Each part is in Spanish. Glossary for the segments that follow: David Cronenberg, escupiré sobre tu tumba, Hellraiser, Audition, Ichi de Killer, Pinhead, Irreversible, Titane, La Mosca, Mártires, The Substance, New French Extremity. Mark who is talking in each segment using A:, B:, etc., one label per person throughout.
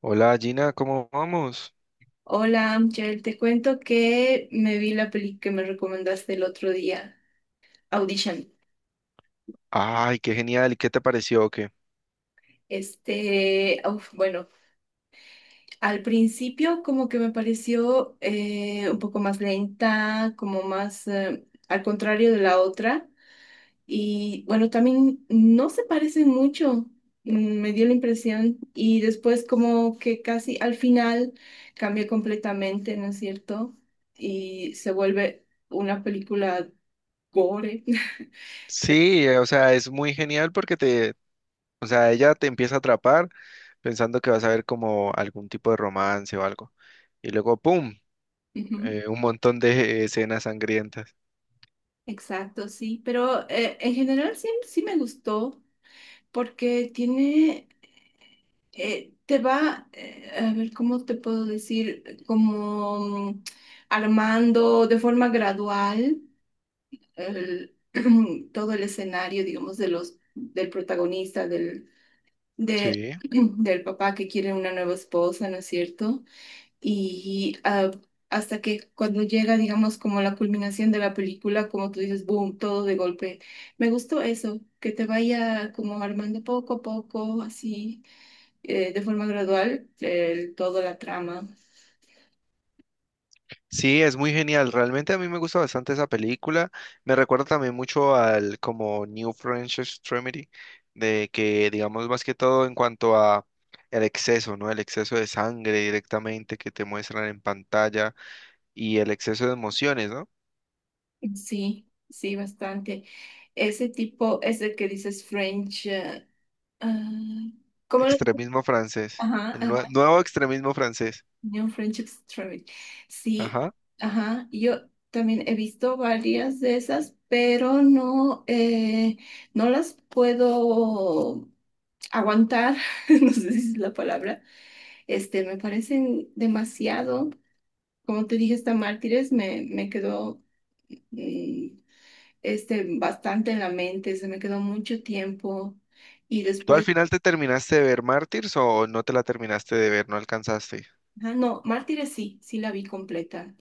A: Hola Gina, ¿cómo vamos?
B: Hola, Amchel, te cuento que me vi la peli que me recomendaste el otro día, Audition.
A: Ay, qué genial, ¿y qué te pareció o qué?
B: Uf, bueno, al principio como que me pareció un poco más lenta, como más al contrario de la otra. Y bueno, también no se parecen mucho, me dio la impresión. Y después como que casi al final cambia completamente, ¿no es cierto? Y se vuelve una película gore.
A: Sí, o sea, es muy genial o sea, ella te empieza a atrapar pensando que vas a ver como algún tipo de romance o algo. Y luego, ¡pum!
B: Ujú.
A: Un montón de escenas sangrientas.
B: Exacto, sí, pero en general sí, sí me gustó porque tiene, te va, a ver, ¿cómo te puedo decir? Como mm, armando de forma gradual el- todo el escenario, digamos, de los, del protagonista, de,
A: Sí.
B: del papá que quiere una nueva esposa, ¿no es cierto? Y hasta que cuando llega, digamos, como la culminación de la película, como tú dices, boom, todo de golpe. Me gustó eso, que te vaya como armando poco a poco, así, de forma gradual, toda la trama.
A: Sí, es muy genial. Realmente a mí me gusta bastante esa película. Me recuerda también mucho al como New French Extremity, de que digamos más que todo en cuanto a el exceso, ¿no? El exceso de sangre directamente que te muestran en pantalla y el exceso de emociones, ¿no?
B: Sí, sí, bastante. Ese tipo, ese que dices French, Ah, ¿cómo lo dices?
A: Extremismo francés,
B: Ajá,
A: el
B: ajá.
A: nuevo extremismo francés.
B: New Friendships Travel. Sí,
A: Ajá.
B: ajá. Yo también he visto varias de esas, pero no, no las puedo aguantar. No sé si es la palabra. Me parecen demasiado. Como te dije, esta Mártires me quedó mm, bastante en la mente. Se me quedó mucho tiempo. Y
A: ¿Tú al
B: después,
A: final te terminaste de ver Mártires o no te la terminaste de ver, no alcanzaste?
B: no, Mártires sí, sí la vi completa.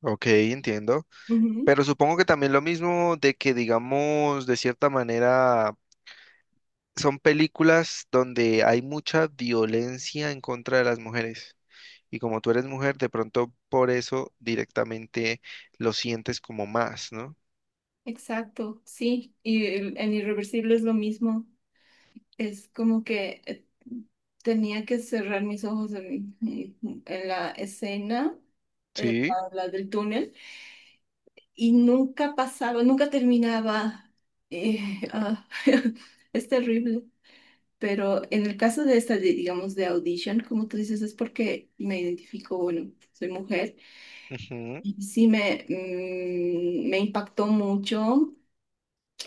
A: Ok, entiendo.
B: Ujú.
A: Pero supongo que también lo mismo de que, digamos, de cierta manera, son películas donde hay mucha violencia en contra de las mujeres. Y como tú eres mujer, de pronto por eso directamente lo sientes como más, ¿no?
B: Exacto, sí, y en Irreversible es lo mismo, es como que tenía que cerrar mis ojos en la escena,
A: Sí.
B: la del túnel, y nunca pasaba, nunca terminaba, eh, ah, es terrible, pero en el caso de esta, digamos, de Audition, como tú dices, es porque me identifico, bueno, soy mujer,
A: Ujú.
B: y sí me impactó mucho.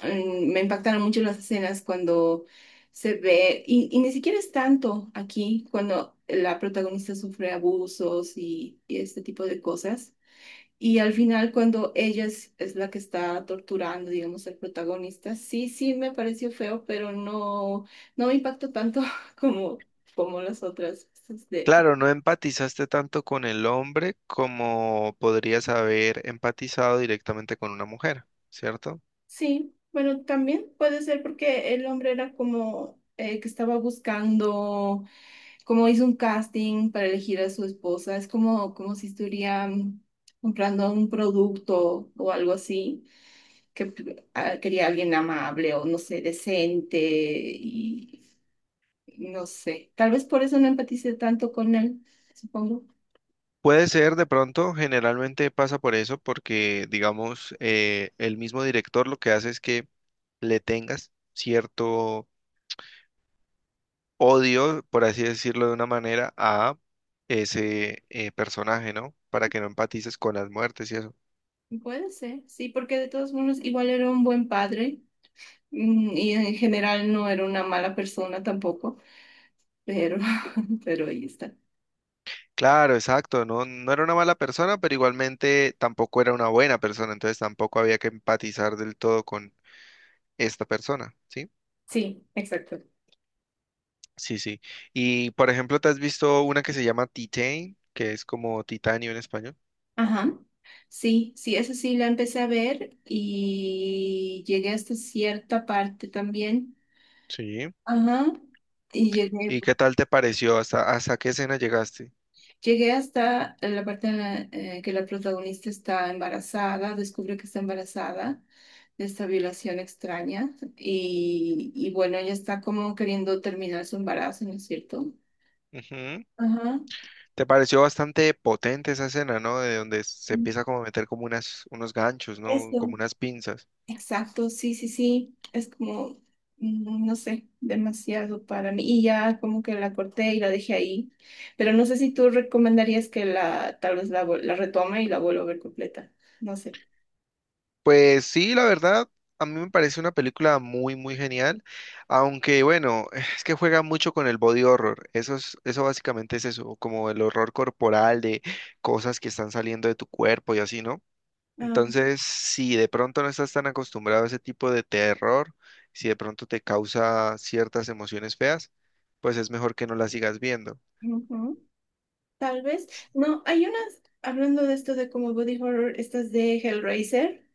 B: Me impactaron mucho las escenas cuando se ve, y ni siquiera es tanto aquí, cuando la protagonista sufre abusos y este tipo de cosas. Y al final, cuando ella es la que está torturando, digamos, al protagonista, sí, sí me pareció feo, pero no, no me impactó tanto como, como las otras.
A: Claro, no empatizaste tanto con el hombre como podrías haber empatizado directamente con una mujer, ¿cierto?
B: Sí, bueno, también puede ser porque el hombre era como que estaba buscando, como hizo un casting para elegir a su esposa, es como si estuviera comprando un producto o algo así, que quería alguien amable o no sé, decente y no sé, tal vez por eso no empaticé tanto con él, supongo.
A: Puede ser de pronto, generalmente pasa por eso, porque digamos, el mismo director lo que hace es que le tengas cierto odio, por así decirlo de una manera, a ese personaje, ¿no? Para que no empatices con las muertes y eso.
B: Puede ser, sí, porque de todos modos igual era un buen padre. Y en general no era una mala persona tampoco, pero, pero ahí está.
A: Claro, exacto, no, no era una mala persona, pero igualmente tampoco era una buena persona, entonces tampoco había que empatizar del todo con esta persona, ¿sí?
B: Sí, exacto.
A: Sí, sí. Y por ejemplo, ¿te has visto una que se llama Titane, que es como titanio en español?
B: Ajá. Sí, sí, esa sí la empecé a ver y llegué hasta cierta parte también.
A: Sí.
B: Ajá. Y
A: ¿Y qué tal te pareció? Hasta qué escena llegaste?
B: llegué hasta la parte que la protagonista está embarazada, descubre que está embarazada de esta violación extraña y bueno, ella está como queriendo terminar su embarazo, ¿no es cierto?
A: Ujú.
B: Ajá.
A: Te pareció bastante potente esa escena, ¿no? De donde se empieza como a meter como unos ganchos, ¿no?
B: Eso.
A: Como unas pinzas.
B: Exacto, sí, sí, sí. Es como, no sé, demasiado para mí. Y ya como que la corté y la dejé ahí. Pero no sé si tú recomendarías que tal vez la retome y la vuelva a ver completa. No sé.
A: Pues sí, la verdad, a mí me parece una película muy genial. Aunque bueno, es que juega mucho con el body horror. Eso es, eso básicamente es eso, como el horror corporal de cosas que están saliendo de tu cuerpo y así, ¿no?
B: Ah,
A: Entonces, si de pronto no estás tan acostumbrado a ese tipo de terror, si de pronto te causa ciertas emociones feas, pues es mejor que no las sigas viendo.
B: Ujú. Tal vez. No, hay unas, hablando de esto de como body horror, estas de Hellraiser.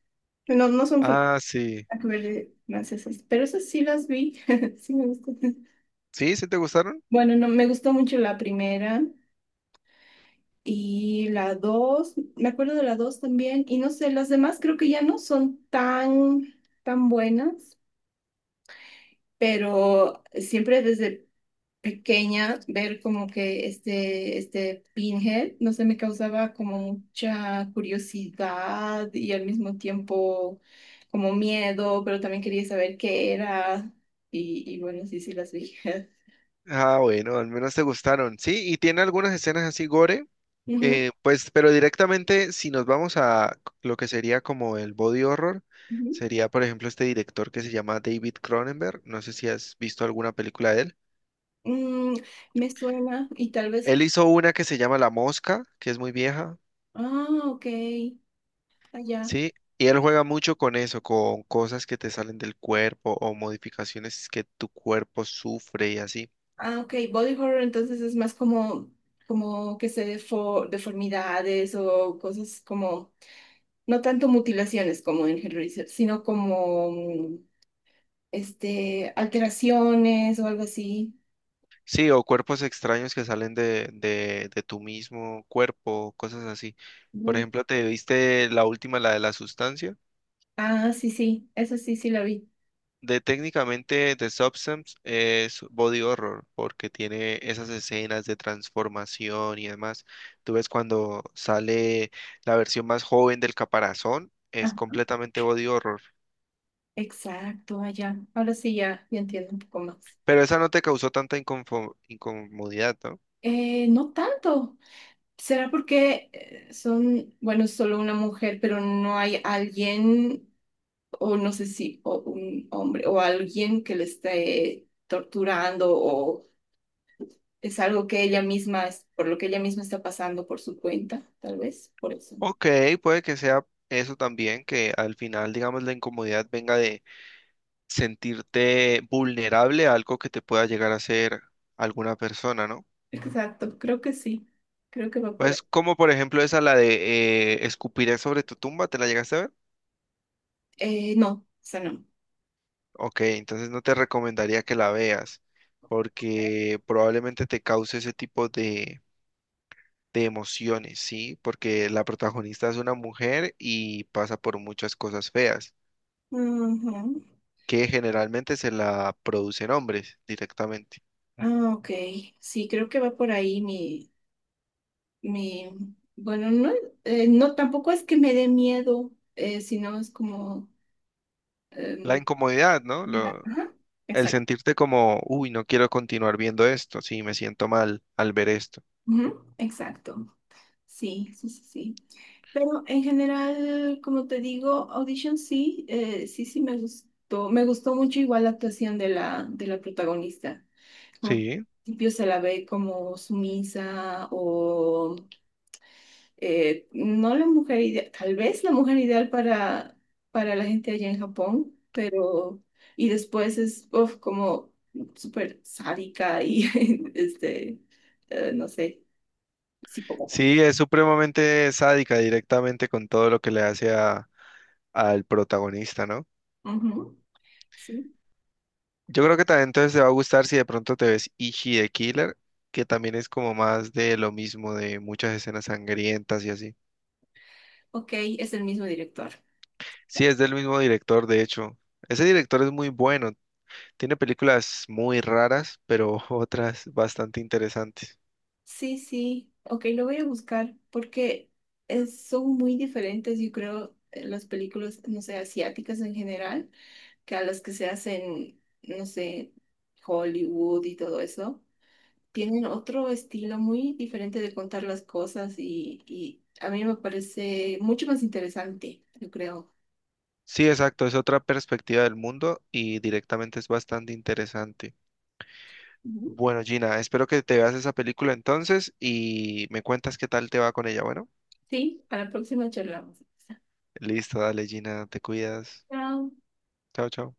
B: No, no son
A: Ah, sí.
B: nada que ver de francesas, pero esas sí las vi. Sí me gustan.
A: ¿Sí? ¿Sí te gustaron?
B: Bueno, no, me gustó mucho la primera. Y la 2 me acuerdo de la 2 también, y no sé, las demás creo que ya no son tan buenas, pero siempre desde pequeña ver como que este Pinhead, no sé, me causaba como mucha curiosidad y al mismo tiempo como miedo, pero también quería saber qué era, y bueno, sí, sí las vi.
A: Ah, bueno, al menos te gustaron. Sí, y tiene algunas escenas así gore,
B: Ujú,
A: pues, pero directamente si nos vamos a lo que sería como el body horror,
B: ujú.
A: sería, por ejemplo, este director que se llama David Cronenberg. No sé si has visto alguna película de él.
B: Mm, Me suena, y tal vez,
A: Él hizo una que se llama La Mosca, que es muy vieja.
B: ok, allá.
A: Sí, y él juega mucho con eso, con cosas que te salen del cuerpo o modificaciones que tu cuerpo sufre y así.
B: Ah, ok, body horror entonces es más como que se deformidades o cosas como, no tanto mutilaciones como en Hellraiser, sino como alteraciones o algo así.
A: Sí, o cuerpos extraños que salen de tu mismo cuerpo, cosas así. Por
B: Mm.
A: ejemplo, ¿te viste la última, la de la sustancia?
B: Ah, sí, sí, eso sí, sí la vi.
A: De técnicamente The Substance es body horror porque tiene esas escenas de transformación y demás. Tú ves cuando sale la versión más joven del caparazón,
B: Ah,
A: es completamente body horror.
B: exacto, ya. Ahora sí ya entiendo un poco más.
A: Pero esa no te causó tanta incomodidad, ¿no?
B: No tanto. ¿Será porque bueno, es solo una mujer, pero no hay alguien? O no sé si o un hombre o alguien que le esté torturando o es algo que ella misma, por lo que ella misma está pasando por su cuenta, tal vez, por eso.
A: Ok, puede que sea eso también, que al final, digamos, la incomodidad venga de sentirte vulnerable a algo que te pueda llegar a hacer alguna persona, ¿no?
B: Exacto, creo que sí, creo que va por ahí.
A: Pues como por ejemplo esa, la de escupiré sobre tu tumba, ¿te la llegaste a ver?
B: No, esa no.
A: Ok, entonces no te recomendaría que la veas, porque probablemente te cause ese tipo de emociones, ¿sí? Porque la protagonista es una mujer y pasa por muchas cosas feas.
B: Ujú.
A: Que generalmente se la producen hombres directamente.
B: Ah, ok, sí, creo que va por ahí mi, bueno, no, no, tampoco es que me dé miedo, sino es como,
A: La
B: em,
A: incomodidad, ¿no?
B: mira,
A: Lo,
B: ajá,
A: el
B: exacto,
A: sentirte como, uy, no quiero continuar viendo esto, sí, me siento mal al ver esto.
B: ujú, exacto, sí, sí, sí, sí. Pero en general, como te digo, Audition sí, sí, sí me gustó. Me gustó mucho igual la actuación de de la protagonista. Como que
A: Sí,
B: al principio se la ve como sumisa o no la mujer ideal, tal vez la mujer ideal para la gente allá en Japón, pero y después es uf, como súper sádica y este, no sé, psicópata.
A: sí, es supremamente sádica directamente con todo lo que le hace al protagonista, ¿no?
B: Ujú, sí.
A: Yo creo que también entonces te va a gustar si de pronto te ves Ichi de Killer, que también es como más de lo mismo, de muchas escenas sangrientas y así.
B: Ok, es el mismo director.
A: Sí, es del mismo director, de hecho. Ese director es muy bueno, tiene películas muy raras, pero otras bastante interesantes.
B: Sí, sí, ok, lo voy a buscar porque son muy diferentes, yo creo, las películas, no sé, asiáticas en general, que a las que se hacen, no sé, Hollywood y todo eso. Tienen otro estilo muy diferente de contar las cosas y a mí me parece mucho más interesante, yo creo.
A: Sí, exacto, es otra perspectiva del mundo y directamente es bastante interesante.
B: Ujú.
A: Bueno, Gina, espero que te veas esa película entonces y me cuentas qué tal te va con ella. Bueno,
B: Sí, a la próxima charlamos.
A: listo, dale, Gina, te cuidas.
B: Chao.
A: Chao, chao.